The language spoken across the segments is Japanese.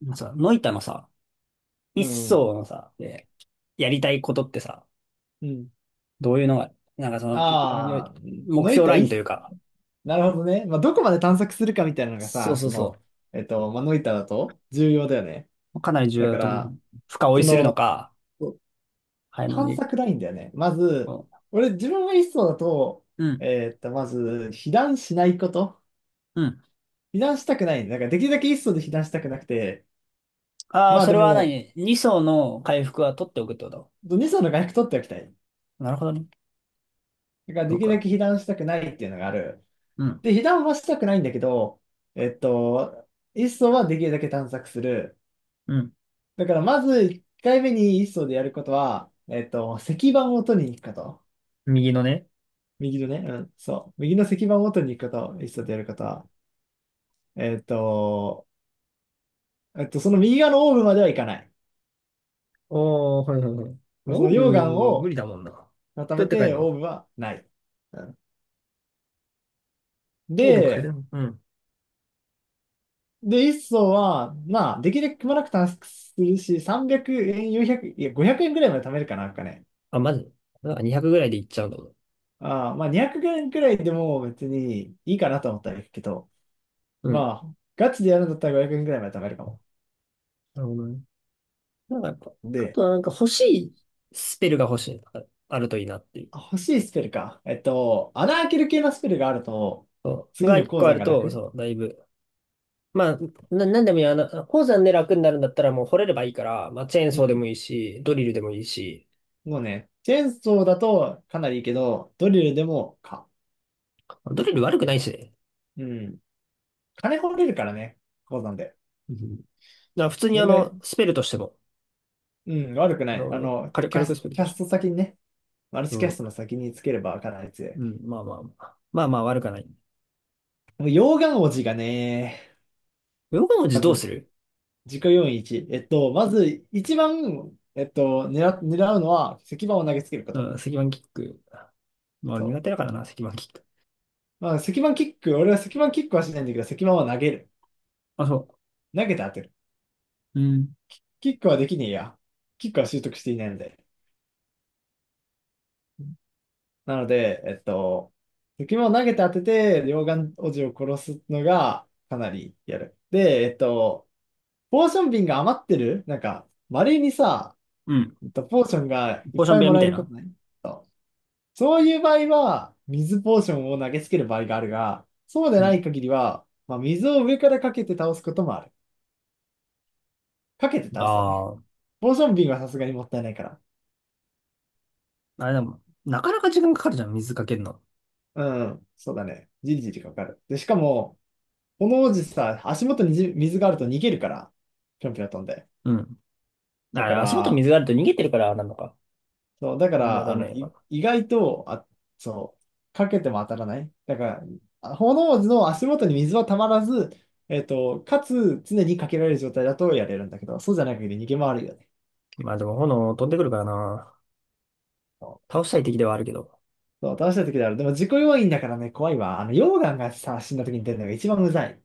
まあさ、ノイタのさ、一うん。層のさ、で、やりたいことってさ、うん。どういうのが、なんかその、よよああ、目のい標たラいインいとっいうす、か、なるほどね。まあ、どこまで探索するかみたいなのがそうさ、そうそまあ、ノイタだと重要だよね。うかなり重要だだかと思ら、う。深追そいするのの、か、早め探に。索ラインだよね。まず、こ俺、自分が一層だと、ううん、まず、避難しないこと。うん。避難したくない。だから、できるだけ一層で避難したくなくて、ああ、まあそでれはも、何？ 2 層の回復は取っておくってこと？二層の外角取っておきたい。なるほどね。だから、そでうきるだか。け避難したくないっていうのがある。うん。で、被弾はしたくないんだけど、えっと、一層はできるだけ探索する。うん。だから、まず1回目に一層でやることは、石板を取りに行くこと。右のね。右のね、うん、そう。右の石板を取りに行くこと、一層でやることは。えっと、その右側のオーブまでは行かない。おー、はいはいはい。そオーの溶岩ブ、無理をだもんな。ど固うやめって変えてるオーの？ブはない。うん、オーブ変えで、るの？うん。で、一層は、まあ、できるだけくまなく探索するし、300円、400、いや、500円ぐらいまで貯めるかな、なんかね。あ、まず。あ200ぐらいでいっちゃうんだもん。ああ、まあ200円くえんくらいでも別にいいかなと思ったらいいけど、うん。まあ、ガチでやるんだったら500円くえんくらいまで貯めるかも。なるほどね。なんかやっぱ、あで、とはなんか欲しいスペルが欲しい。ああるといいなっていう。あ欲しいスペルか。穴開ける系のスペルがあると、そう。次がの一鉱個あ山るがと、楽。そう、だいぶ。まあ、なんでもいいや。あの、鉱山で楽になるんだったらもう掘れればいいから、まあ、チェーンうソーでもん。いいし、ドリルでもいいし、もうね、チェーンソーだとかなりいいけど、ドリルでもか。ドリル悪くないしね。うん。金掘れるからね、鉱山で。うん。だから普通そにあれが、の、スペルとしても、うん、悪くあない。あの、の、火力スペルキとャスしト先にね、マルてチキャも。ストのそ先につければかなり強う。うい。ん、まあまあまあ。まあまあ悪くはない。もう溶岩王子がね、ヨガ文字まどうすずる？自己要因1。まず、一番、狙うのは、石板を投げつけるこうと。ん、石板キック。まあそ苦う。手だからな、石板キック。まあ、石板キック、俺は石板キックはしないんだけど、石板は投げる。あ、そ投げて当てる。う。うん。キックはできねえや。キックは習得していないので。なので、石板を投げて当てて、両眼おじを殺すのが、かなりやる。で、ポーション瓶が余ってるなんか、稀にさ、うん。えっとポーションがいっポーショぱンい部屋もみらえたいることな。ない？そういう場合は、水ポーションを投げつける場合があるが、そうでうなん。い限りは、まあ、水を上からかけて倒すこともある。かけて倒すだね。ああ、ポーション瓶はさすがにもったいないから。あれでも、なかなか時間かかるじゃん、水かけるの。うん、そうだね。じりじりかかる。で、しかも、この王子さ、足元にじ水があると逃げるから、ぴょんぴょん飛んで。うん。だあれ、か足元ら、水があると逃げてるからなのか。そう、だかやら、らあの、ね。意外と、そう、かけても当たらない。だから、あ炎の足元に水はたまらず、かつ、常にかけられる状態だとやれるんだけど、そうじゃない限り逃げ回るよね。まあでも炎飛んでくるからな。そ倒したい敵ではあるけど。そう倒した時である。でも、自己要因だからね、怖いわ。あの、溶岩がさ、死んだ時に出るのが一番うざい。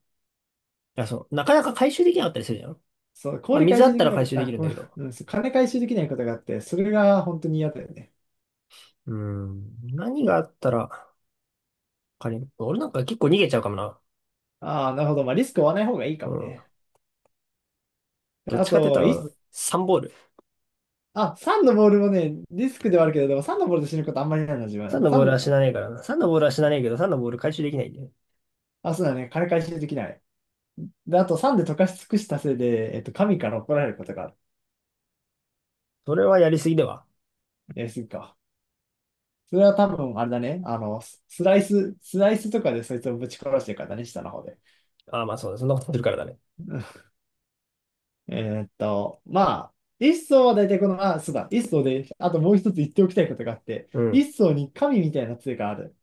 いや、そう。なかなか回収できなかったりするじゃん。そう、まあ、氷回水あ収っでたきらなか回っ収た、であきるんこだけど。う、うんそう金回収できないことがあって、それが本当に嫌だよね。うん。何があったら、仮に、俺なんか結構逃げちゃうかもな。ああ、なるほど。まあ、リスクを負わない方がいいかうもん。ね。どっあちかって言ったと、一ら、サンボール。あ、サンのボールもね、リスクではあるけど、でも3のボールで死ぬことあんまりないな、自サン分。のボール3、は死なねえからな。サンのボールは死うなん。ねえけど、サンのボール回収できないんだよ。あ、そうだね。金回収できない。で、あとサンで溶かし尽くしたせいで、神から怒られることがある。それはやりすぎでは。やりすぎか。それは多分、あれだね。あの、スライスとかでそいつをぶち殺してるからね、下の方で。ああ、まあそうだ。そんなことするからだね。まあ、一層は大体この、あ、そうだ、一層で、あともう一つ言っておきたいことがあって、うん。一層に神みたいな杖がある。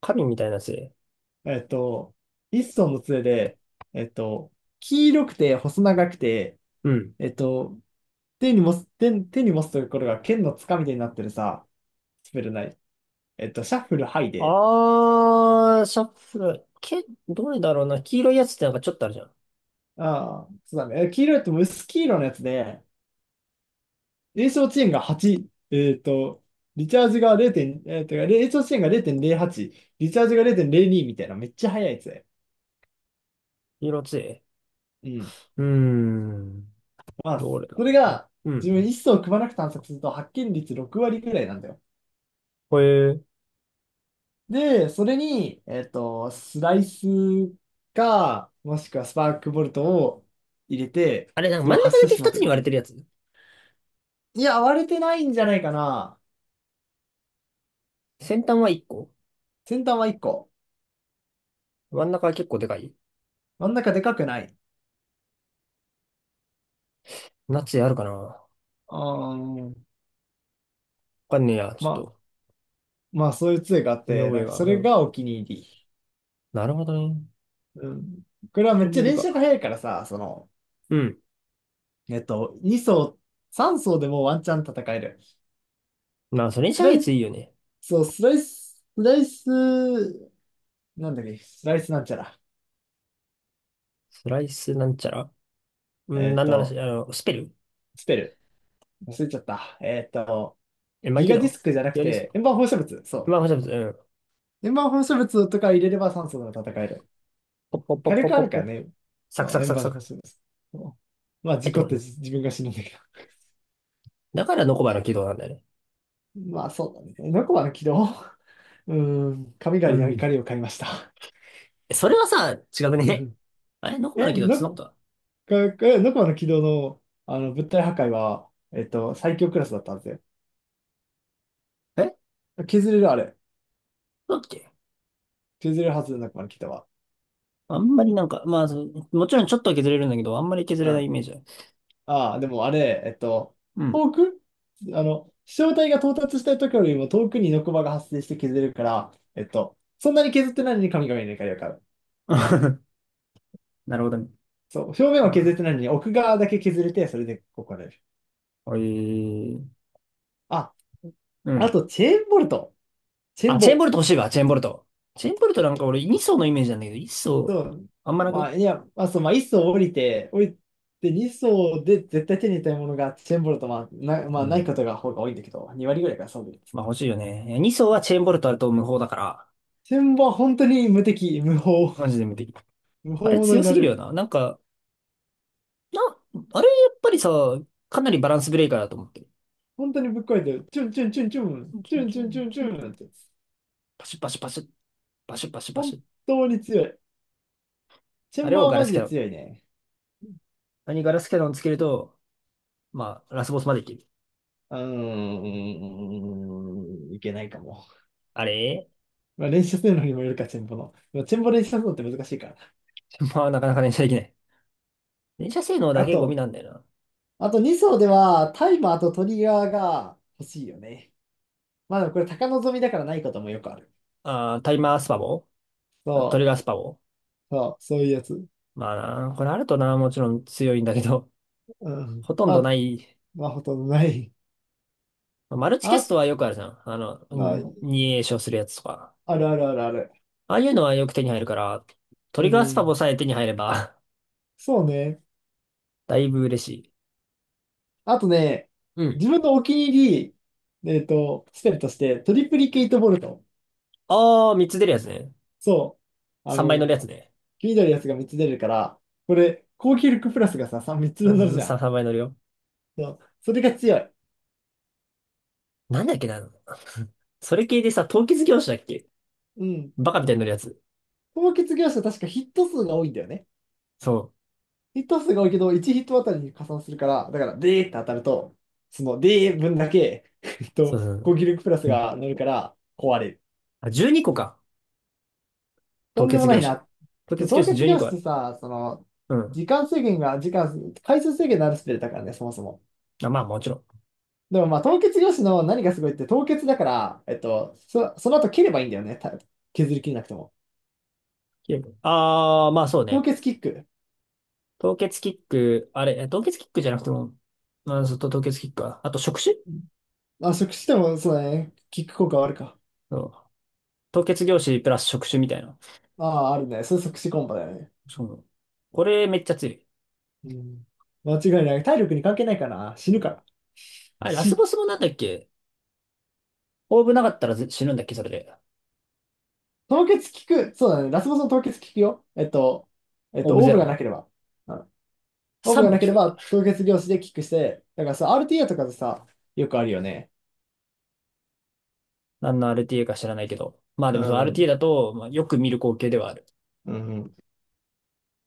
神みたいなせい。えっと、一層の杖で、えっと、黄色くて細長くて、うん。えっと、手に持つところが剣のつかみ手になってるさ、スペルない。シャッフルハイで、あー、シャッフル。どれだろうな。黄色いやつってなんかちょっとあるじゃん。ああ、そうだね。え黄色いと薄黄色のやつで、炎症遅延が8、リチャージが0点、炎症遅延が0.08、リチャージが0.02みたいな、めっちゃ速いやつで。黄色強い。うん。うーん。まあ、どれだ。それが、うん。自分一層組まなく探索すると発見率6割ぐらいなんだよ。これ、で、それに、スライスか、もしくはスパークボルトを入れて、あれ、なんかそれ真をん中発だ射けしま2つくに割る。れてるやつ？いや、割れてないんじゃないかな。先端は1個。先端は1個。真ん中は結構でかい。真ん中でかくない。ナチあるかな？わあー、かんねえや。ちょまっあ、と、まあ、そういう杖があっ見て、覚なえんかが。そうれん。がお気に入り。なるほどね。うん。これはめっち金ゃ色連射がか。速いからさ、うん。2層、3層でもワンチャン戦える。まあ、それにシスャラーイス、ツいいよね。スライス、なんだっけ、スライスなんちゃら。スライスなんちゃら。うん、えっなんならし、と、あの、スペル。捨てる。忘れちゃった。え、マギキガディスド。クじゃなくやりす。て、円盤放射物。そまあ、ほしゃぶつ。うん。う。円盤放射物とか入れれば酸素が戦える。ポッポッポッ火ポッ力あポッるからポ。ね。サクそサう、ク円サク盤サ放ク。射物。そうまあ、入っ事て故っこてい。自分が死ぬんだけど。だからノコバの軌道なんだよね。まあ、そうだね。ノコマの軌道。うーん、神う狩りのん。怒りを買いました。えそれはさ、違くうね？んあれノコバのえ、軌道ってそんノなことだ。ノコマの軌道の、あの物体破壊は、最強クラスだったんですよ。え削れるあれ。そうだっけ？削れるはず、ノコマの軌道は。あんまりなんか、まあ、そうもちろんちょっとは削れるんだけど、あんまり削うれないんイメージある。ああ、でもあれ、うん。遠くあの、飛翔体が到達した時よりも遠くにノコバが発生して削れるから、そんなに削ってないのに神々の怒りを買う。なるほどね。そう、表面だはか削っら、てないのに奥側だけ削れて、それで怒られる。おいー、あ、うあん。と、チェーンボルト。チェーあ、ンチェーンボボ。ルト欲しいわ、チェーンボルト。チェーンボルトなんか俺2層のイメージなんだけど、1そ層、う。あんまなくまね？あ、いや、まあ、そう、まあ、1層降りて2層で絶対手に入れたいものがチェーンボルト、まうあ、ないこん。とが方が多いんだけど、2割ぐらいからそうです。まあ欲しいよね。いや2層はチェーンボルトあると無法だから、チェーンボは本当に無敵、無法、マジで無敵。無あ法れ者に強なすぎれるよる。な。なんか、な、あれやっぱりさ、かなりバランスブレーカーだと思ってる。本当にぶっ壊れてる。チュンチュンチュンチュン、チンチチンュンチチュンチンュンチチンチュン、ンって。パシュパシュパシュ、パシュパシュパシ本ュ。当に強い。チェあンれバーをはガラマスジキャでノン。強いね。あれにガラスキャノンつけると、まあ、ラスボスまでいける。うーん、いけないかも。あれ。 まあ、練習するのにもよるか、チェンボの。まあチェンボ練習するのって難しいから。まあ、なかなか連射できない。連射性能だあけゴミと、なんだよな。あと2層ではタイマーとトリガーが欲しいよね。まあでもこれ高望みだからないこともよくある。あー、タイマースパボ。トリそガースパボ。そう、そういうやつ。まあな、これあるとな、もちろん強いんだけど、うん。ほとんどない。まあほとんどない。マルチキャスあ、トはよくあるじゃん。あの、まあ、二詠唱するやつとか。あるあるあるある。ああいうのはよく手に入るから、トうリガースパボん。さえ手に入れば そうね。だいぶ嬉しい。あとね、うん。自分のお気に入り、スペルとして、トリプリケイトボルト。ああ、三つ出るやつね。そう。あ三倍乗るの、やつね。気になるやつが3つ出るから、これ、高級力プラスがさ、3、みっつ分乗るうんじゃさ、ん。3倍乗るよ。そう。それが強い。なんだっけな。それ系でさ、凍結業種だっけ？うん。バカみたいに乗るやつ。高結業者確かヒット数が多いんだよね。そう。ヒット数が多いけど、1ヒットあたりに加算するから、だから、でーって当たると、その、でー分だけ、そうそうそ高う。級力プラスうん。が乗るから、壊れる。あ、12個か。と凍んでも結な業い種。な。凍結業凍種結12教個あ室る。さ、その、うん。時間、回数制限のあるスペルだからね、そもそも。あ、まあもちろん。でもまあ、凍結教師の何がすごいって、凍結だから、その後蹴ればいいんだよね。た削り切れなくても。ああー、まあそう凍ね。結キック。凍結キック、あれ、え凍結キックじゃなくても、まあ、そうと凍結キックか。あと触手。まあ、即死でも、そうだね。キック効果はあるか。そう。凍結業種プラス触手みたいな。ああ、あるね。それ即死コンボだよね。そう。これめっちゃ強い。うん。間違いない。体力に関係ないかな。死ぬから。あれ、ラス死。ボスもなんだっけ？オーブなかったらず死ぬんだっけ？それで。凍結キック。そうだね。ラスボスの凍結キックよ。オーブオーゼブがロ。なければ。うんオーブ3がもな効けれくね。ば凍結量子でキックして、だからさ、RTA とかでさ、よくあるよね。何の RTA か知らないけど。まあでうもその ん。RTA だと、まあ、よく見る光景ではある。うん。